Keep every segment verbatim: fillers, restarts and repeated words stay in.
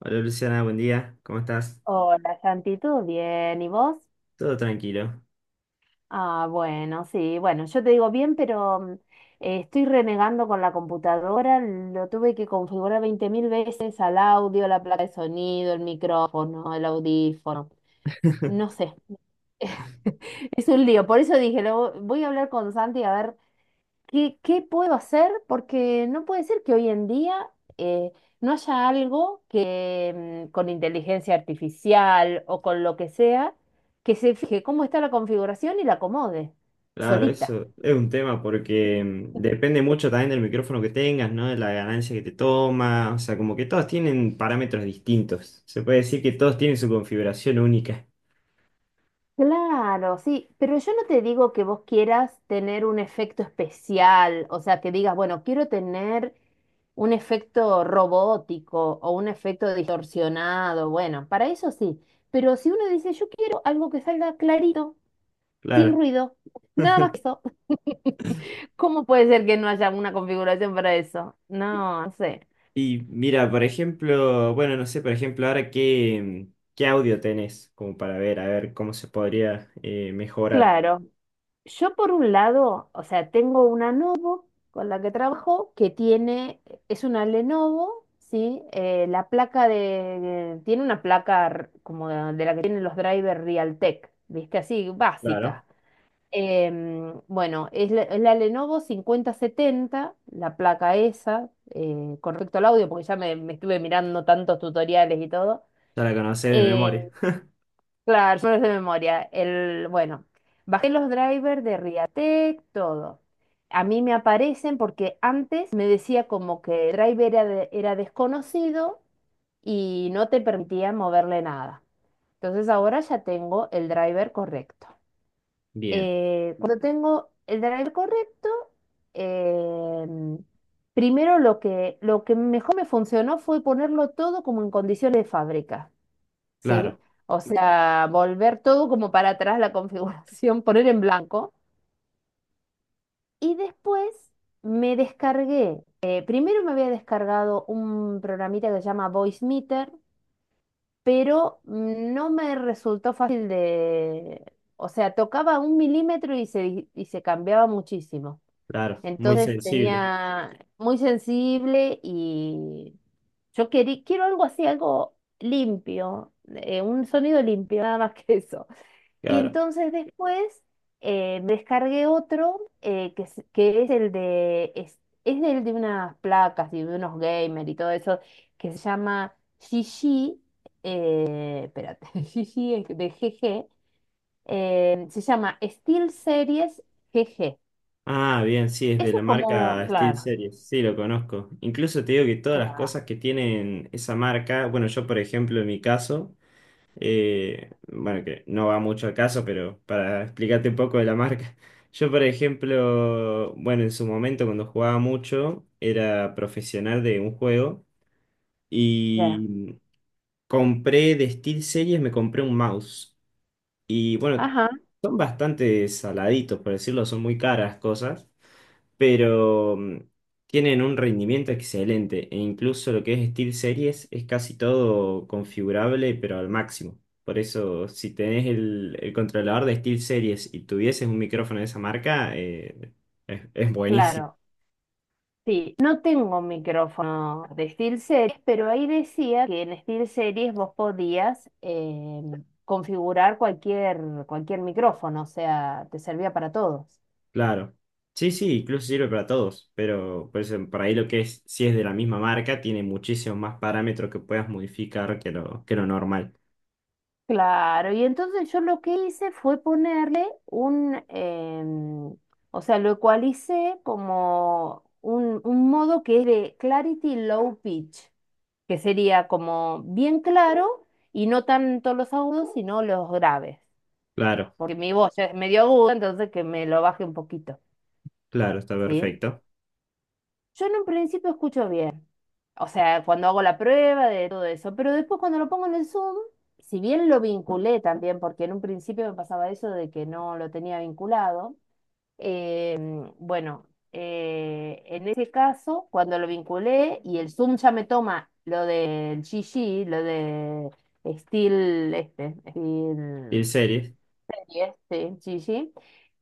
Hola Luciana, buen día, ¿cómo estás? Hola, Santi, ¿tú bien? ¿Y vos? Todo tranquilo. Ah, bueno, sí, bueno, yo te digo bien, pero mm, eh, estoy renegando con la computadora, lo tuve que configurar veinte mil veces al audio, la placa de sonido, el micrófono, el audífono, no sé, es un lío, por eso dije, lo, voy a hablar con Santi a ver. ¿Qué, qué puedo hacer? Porque no puede ser que hoy en día, eh, no haya algo que, mm, con inteligencia artificial o con lo que sea, que se fije cómo está la configuración y la acomode Claro, solita. eso es un tema porque mm, depende mucho también del micrófono que tengas, ¿no? De la ganancia que te toma, o sea, como que todos tienen parámetros distintos. Se puede decir que todos tienen su configuración única, Claro, sí, pero yo no te digo que vos quieras tener un efecto especial, o sea, que digas, bueno, quiero tener un efecto robótico o un efecto distorsionado, bueno, para eso sí, pero si uno dice, yo quiero algo que salga clarito sin claro. ruido, nada más que eso. ¿Cómo puede ser que no haya una configuración para eso? No, no sé. Y mira, por ejemplo, bueno, no sé, por ejemplo, ahora qué, mm, qué audio tenés, como para ver, a ver cómo se podría eh, mejorar. Claro, yo por un lado, o sea, tengo una Lenovo con la que trabajo que tiene, es una Lenovo, ¿sí? Eh, la placa de, eh, tiene una placa r- como de, de la que tienen los drivers Realtek, ¿viste? Así, Claro, básica. Em, bueno, es la, es la Lenovo cincuenta setenta, la placa esa, eh, con respecto al audio, porque ya me, me estuve mirando tantos tutoriales y todo. ya la conocés de Eh, memoria. claro, yo no es de memoria. El, bueno, bajé los drivers de Riatec, todo. A mí me aparecen porque antes me decía como que el driver era, de- era desconocido y no te permitía moverle nada. Entonces ahora ya tengo el driver correcto. Bien, Eh, cuando tengo el driver correcto, eh, primero lo que, lo que mejor me funcionó fue ponerlo todo como en condiciones de fábrica, ¿sí? claro, O sea, volver todo como para atrás la configuración, poner en blanco. Y después me descargué. Eh, primero me había descargado un programita que se llama Voice Meter, pero no me resultó fácil de... O sea, tocaba un milímetro y se, y se cambiaba muchísimo. claro, muy Entonces sensible. tenía muy sensible y yo querí, quiero algo así, algo limpio, eh, un sonido limpio, nada más que eso. Y Claro. entonces después, eh, me descargué otro, eh, que, es, que es el de, es, es del de unas placas y de unos gamers y todo eso, que se llama Gigi, eh, espérate, Gigi es de G G, eh, se llama Steel Series G G. Ah, bien, sí, es de Eso la es como, marca Steel claro. Series. Sí, lo conozco. Incluso te digo que todas las Claro, cosas que tienen esa marca, bueno, yo por ejemplo en mi caso, eh, bueno, que no va mucho al caso, pero para explicarte un poco de la marca, yo por ejemplo, bueno, en su momento cuando jugaba mucho, era profesional de un juego ya. y compré de Steel Series, me compré un mouse. Y bueno, Ajá, son bastante saladitos, por decirlo, son muy caras cosas. Pero mm, tienen un rendimiento excelente e incluso lo que es SteelSeries es casi todo configurable, pero al máximo. Por eso, si tenés el, el controlador de SteelSeries y tuvieses un micrófono de esa marca, eh, es, es buenísimo, claro. Sí, no tengo micrófono de SteelSeries, pero ahí decía que en SteelSeries vos podías, eh, configurar cualquier, cualquier micrófono, o sea, te servía para todos. claro. Sí, sí, incluso sirve para todos, pero por eso, por ahí lo que es, si es de la misma marca, tiene muchísimos más parámetros que puedas modificar que lo, que lo normal. Claro, y entonces yo lo que hice fue ponerle un, em, o sea, lo ecualicé como un, un modo que es de Clarity Low Pitch, que sería como bien claro y no tanto los agudos, sino los graves, Claro, porque mi voz ya es medio aguda, entonces que me lo baje un poquito, claro, está ¿sí? perfecto. Yo en un principio escucho bien, o sea, cuando hago la prueba de todo eso, pero después cuando lo pongo en el Zoom, si bien lo vinculé también, porque en un principio me pasaba eso de que no lo tenía vinculado. Em, bueno, eh, en ese caso, cuando lo vinculé y el Zoom ya me toma lo del G G, lo de Steel, este, Steel SteelSeries. Series, sí, G G.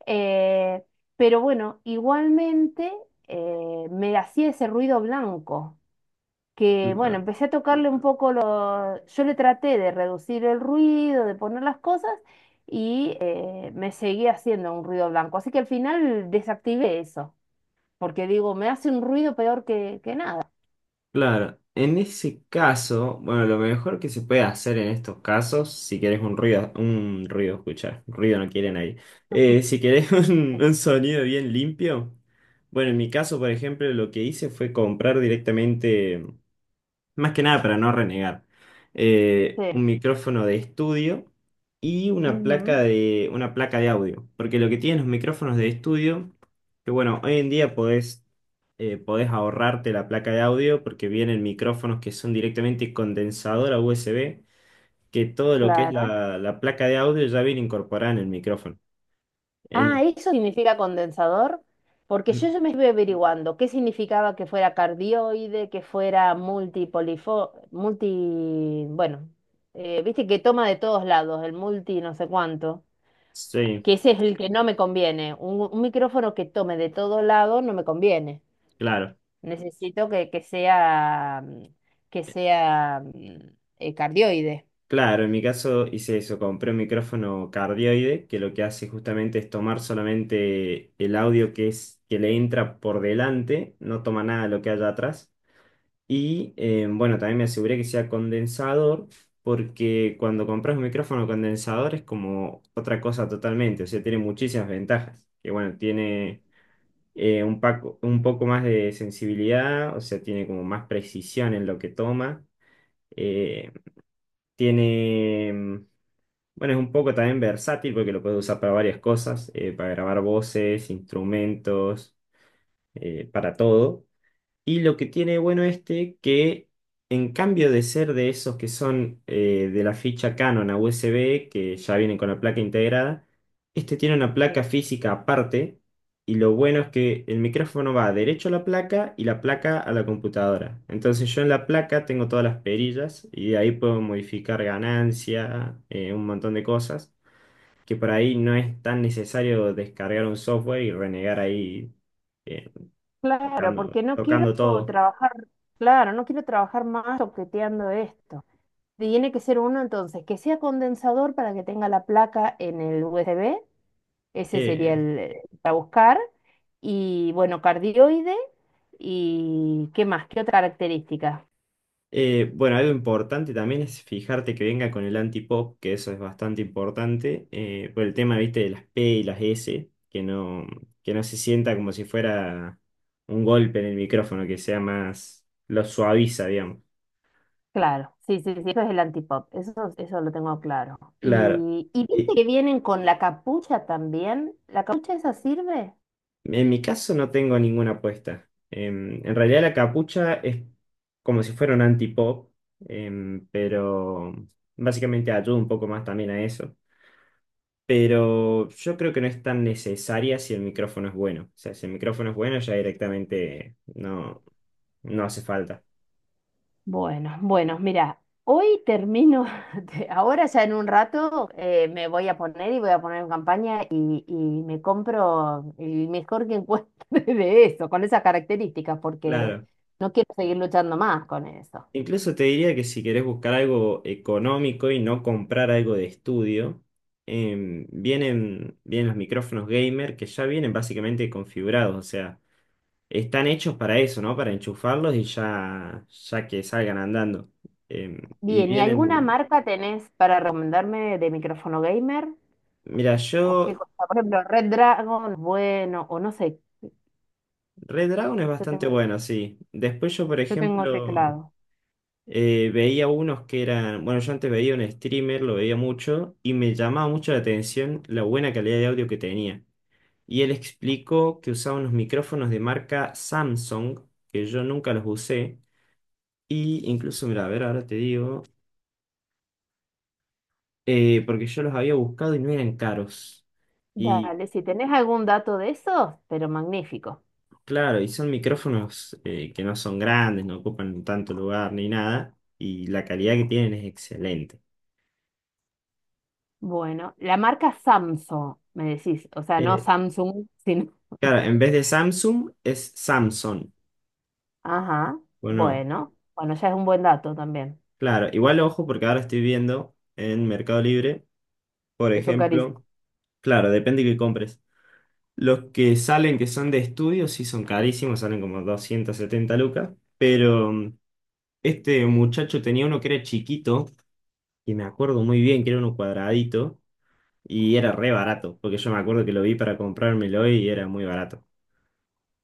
eh, pero bueno, igualmente, eh, me hacía ese ruido blanco que, bueno, empecé a tocarle un poco lo... Yo le traté de reducir el ruido, de poner las cosas y, eh, me seguía haciendo un ruido blanco. Así que al final desactivé eso, porque digo, me hace un ruido peor que, que nada. Claro, en ese caso, bueno, lo mejor que se puede hacer en estos casos, si querés un ruido, un ruido, escuchar, ruido no quieren ahí, Eh, si querés un, un sonido bien limpio, bueno, en mi caso, por ejemplo, lo que hice fue comprar directamente, más que nada para no renegar, eh, un Sí. micrófono de estudio y una placa Ujú, de, una placa de audio, porque lo que tienen los micrófonos de estudio, que bueno, hoy en día podés eh, podés ahorrarte la placa de audio porque vienen micrófonos que son directamente condensadora U S B, que todo lo que es claro. la, la placa de audio ya viene incorporada en el micrófono. Ah, En- eso significa condensador, porque yo en- ya me estuve averiguando qué significaba que fuera cardioide, que fuera multipolifo, multi, bueno, eh, viste que toma de todos lados, el multi no sé cuánto, sí, que ese es el que no me conviene. Un, un micrófono que tome de todos lados no me conviene. claro. Necesito que, que sea, mm, que sea, mm, eh, cardioide. Claro, en mi caso hice eso, compré un micrófono cardioide que lo que hace justamente es tomar solamente el audio que es que le entra por delante, no toma nada de lo que haya atrás. Y eh, bueno, también me aseguré que sea condensador, porque cuando compras un micrófono condensador es como otra cosa totalmente, o sea, tiene muchísimas ventajas. Que bueno, tiene eh, un, paco- un poco más de sensibilidad, o sea, tiene como más precisión en lo que toma. eh, tiene, mm, bueno, es un poco también versátil porque lo puedes usar para varias cosas, eh, para grabar voces, instrumentos, eh, para todo. Y lo que tiene bueno este, que en cambio de ser de esos que son eh, de la ficha Canon a U S B, que ya vienen con la placa integrada, este tiene una placa física aparte. Y lo bueno es que el micrófono va derecho a la placa y la placa a la computadora. Entonces yo en la placa tengo todas las perillas y de ahí puedo modificar ganancia, eh, un montón de cosas, que por ahí no es tan necesario descargar un software y renegar ahí eh, Claro, tocando, porque no quiero tocando todo. trabajar, claro, no quiero trabajar más toqueteando esto. Tiene que ser uno entonces que sea condensador para que tenga la placa en el U S B, ese sería Eh, el, eh, para buscar, y bueno, cardioide, y ¿qué más? ¿Qué otra característica? eh, bueno, algo importante también es fijarte que venga con el antipop, que eso es bastante importante, eh, por el tema, viste, de las P y las S, que no, que no se sienta como si fuera un golpe en el micrófono, que sea más, lo suaviza, digamos. Claro, sí, sí, sí, eso es el antipop, eso, eso lo tengo claro. Claro. Y, y viste Y que vienen con la capucha también, ¿la capucha esa sirve? en mi caso no tengo ninguna apuesta. Em, en realidad la capucha es como si fuera un antipop, em, pero básicamente ayuda un poco más también a eso. Pero yo creo que no es tan necesaria si el micrófono es bueno. O sea, si el micrófono es bueno, ya directamente no, no hace falta. Bueno, bueno, mira, hoy termino, de- ahora ya en un rato, eh, me voy a poner y voy a poner en campaña y, y me compro el mejor que encuentre de eso, con esas características, porque Claro. no quiero seguir luchando más con eso. Incluso te diría que si querés buscar algo económico y no comprar algo de estudio, em, vienen, vienen los micrófonos gamer que ya vienen básicamente configurados, o sea, están hechos para eso, ¿no? Para enchufarlos y ya, ya que salgan andando. Em, y Bien, ¿y alguna vienen, marca tenés para recomendarme de micrófono gamer? mira, ¿O qué yo cosa? Por ejemplo, Red Dragon, bueno, o no sé, Red Dragon es yo bastante tengo, bueno, sí. Después yo, por yo tengo ejemplo, teclado. eh, veía unos que eran, bueno, yo antes veía un streamer, lo veía mucho, y me llamaba mucho la atención la buena calidad de audio que tenía. Y él explicó que usaba unos micrófonos de marca Samsung, que yo nunca los usé, y incluso, mira, a ver, ahora te digo, eh, porque yo los había buscado y no eran caros. Dale, si tenés algún dato de eso, pero magnífico. Claro, y son micrófonos eh, que no son grandes, no ocupan tanto lugar ni nada, y la calidad que tienen es excelente. Bueno, la marca Samsung, me decís, o sea, no Eh, Samsung, sino... claro, en vez de Samsung es Samsung. Ajá, Bueno, bueno, bueno, ya es un buen dato también, claro, igual ojo porque ahora estoy viendo en Mercado Libre, por que son carísimos. ejemplo, claro, depende que compres. Los que salen que son de estudio sí son carísimos, salen como doscientas setenta lucas, pero mm, este muchacho tenía uno que era chiquito, y me acuerdo muy bien que era uno cuadradito. Y era re barato, porque yo me acuerdo que lo vi para comprármelo y era muy barato.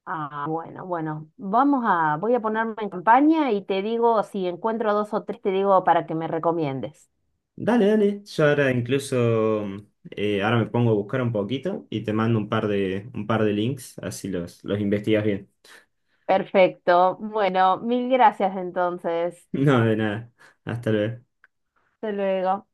Ah, bueno, bueno, vamos a, voy a ponerme en campaña y te digo, si encuentro dos o tres, te digo para que me recomiendes. Dale, dale. Yo ahora incluso, mm, eh, ahora me pongo a buscar un poquito y te mando un par de, un par de links, así los, los investigas bien. Perfecto, bueno, mil gracias entonces. No, de nada. Hasta luego. Hasta luego.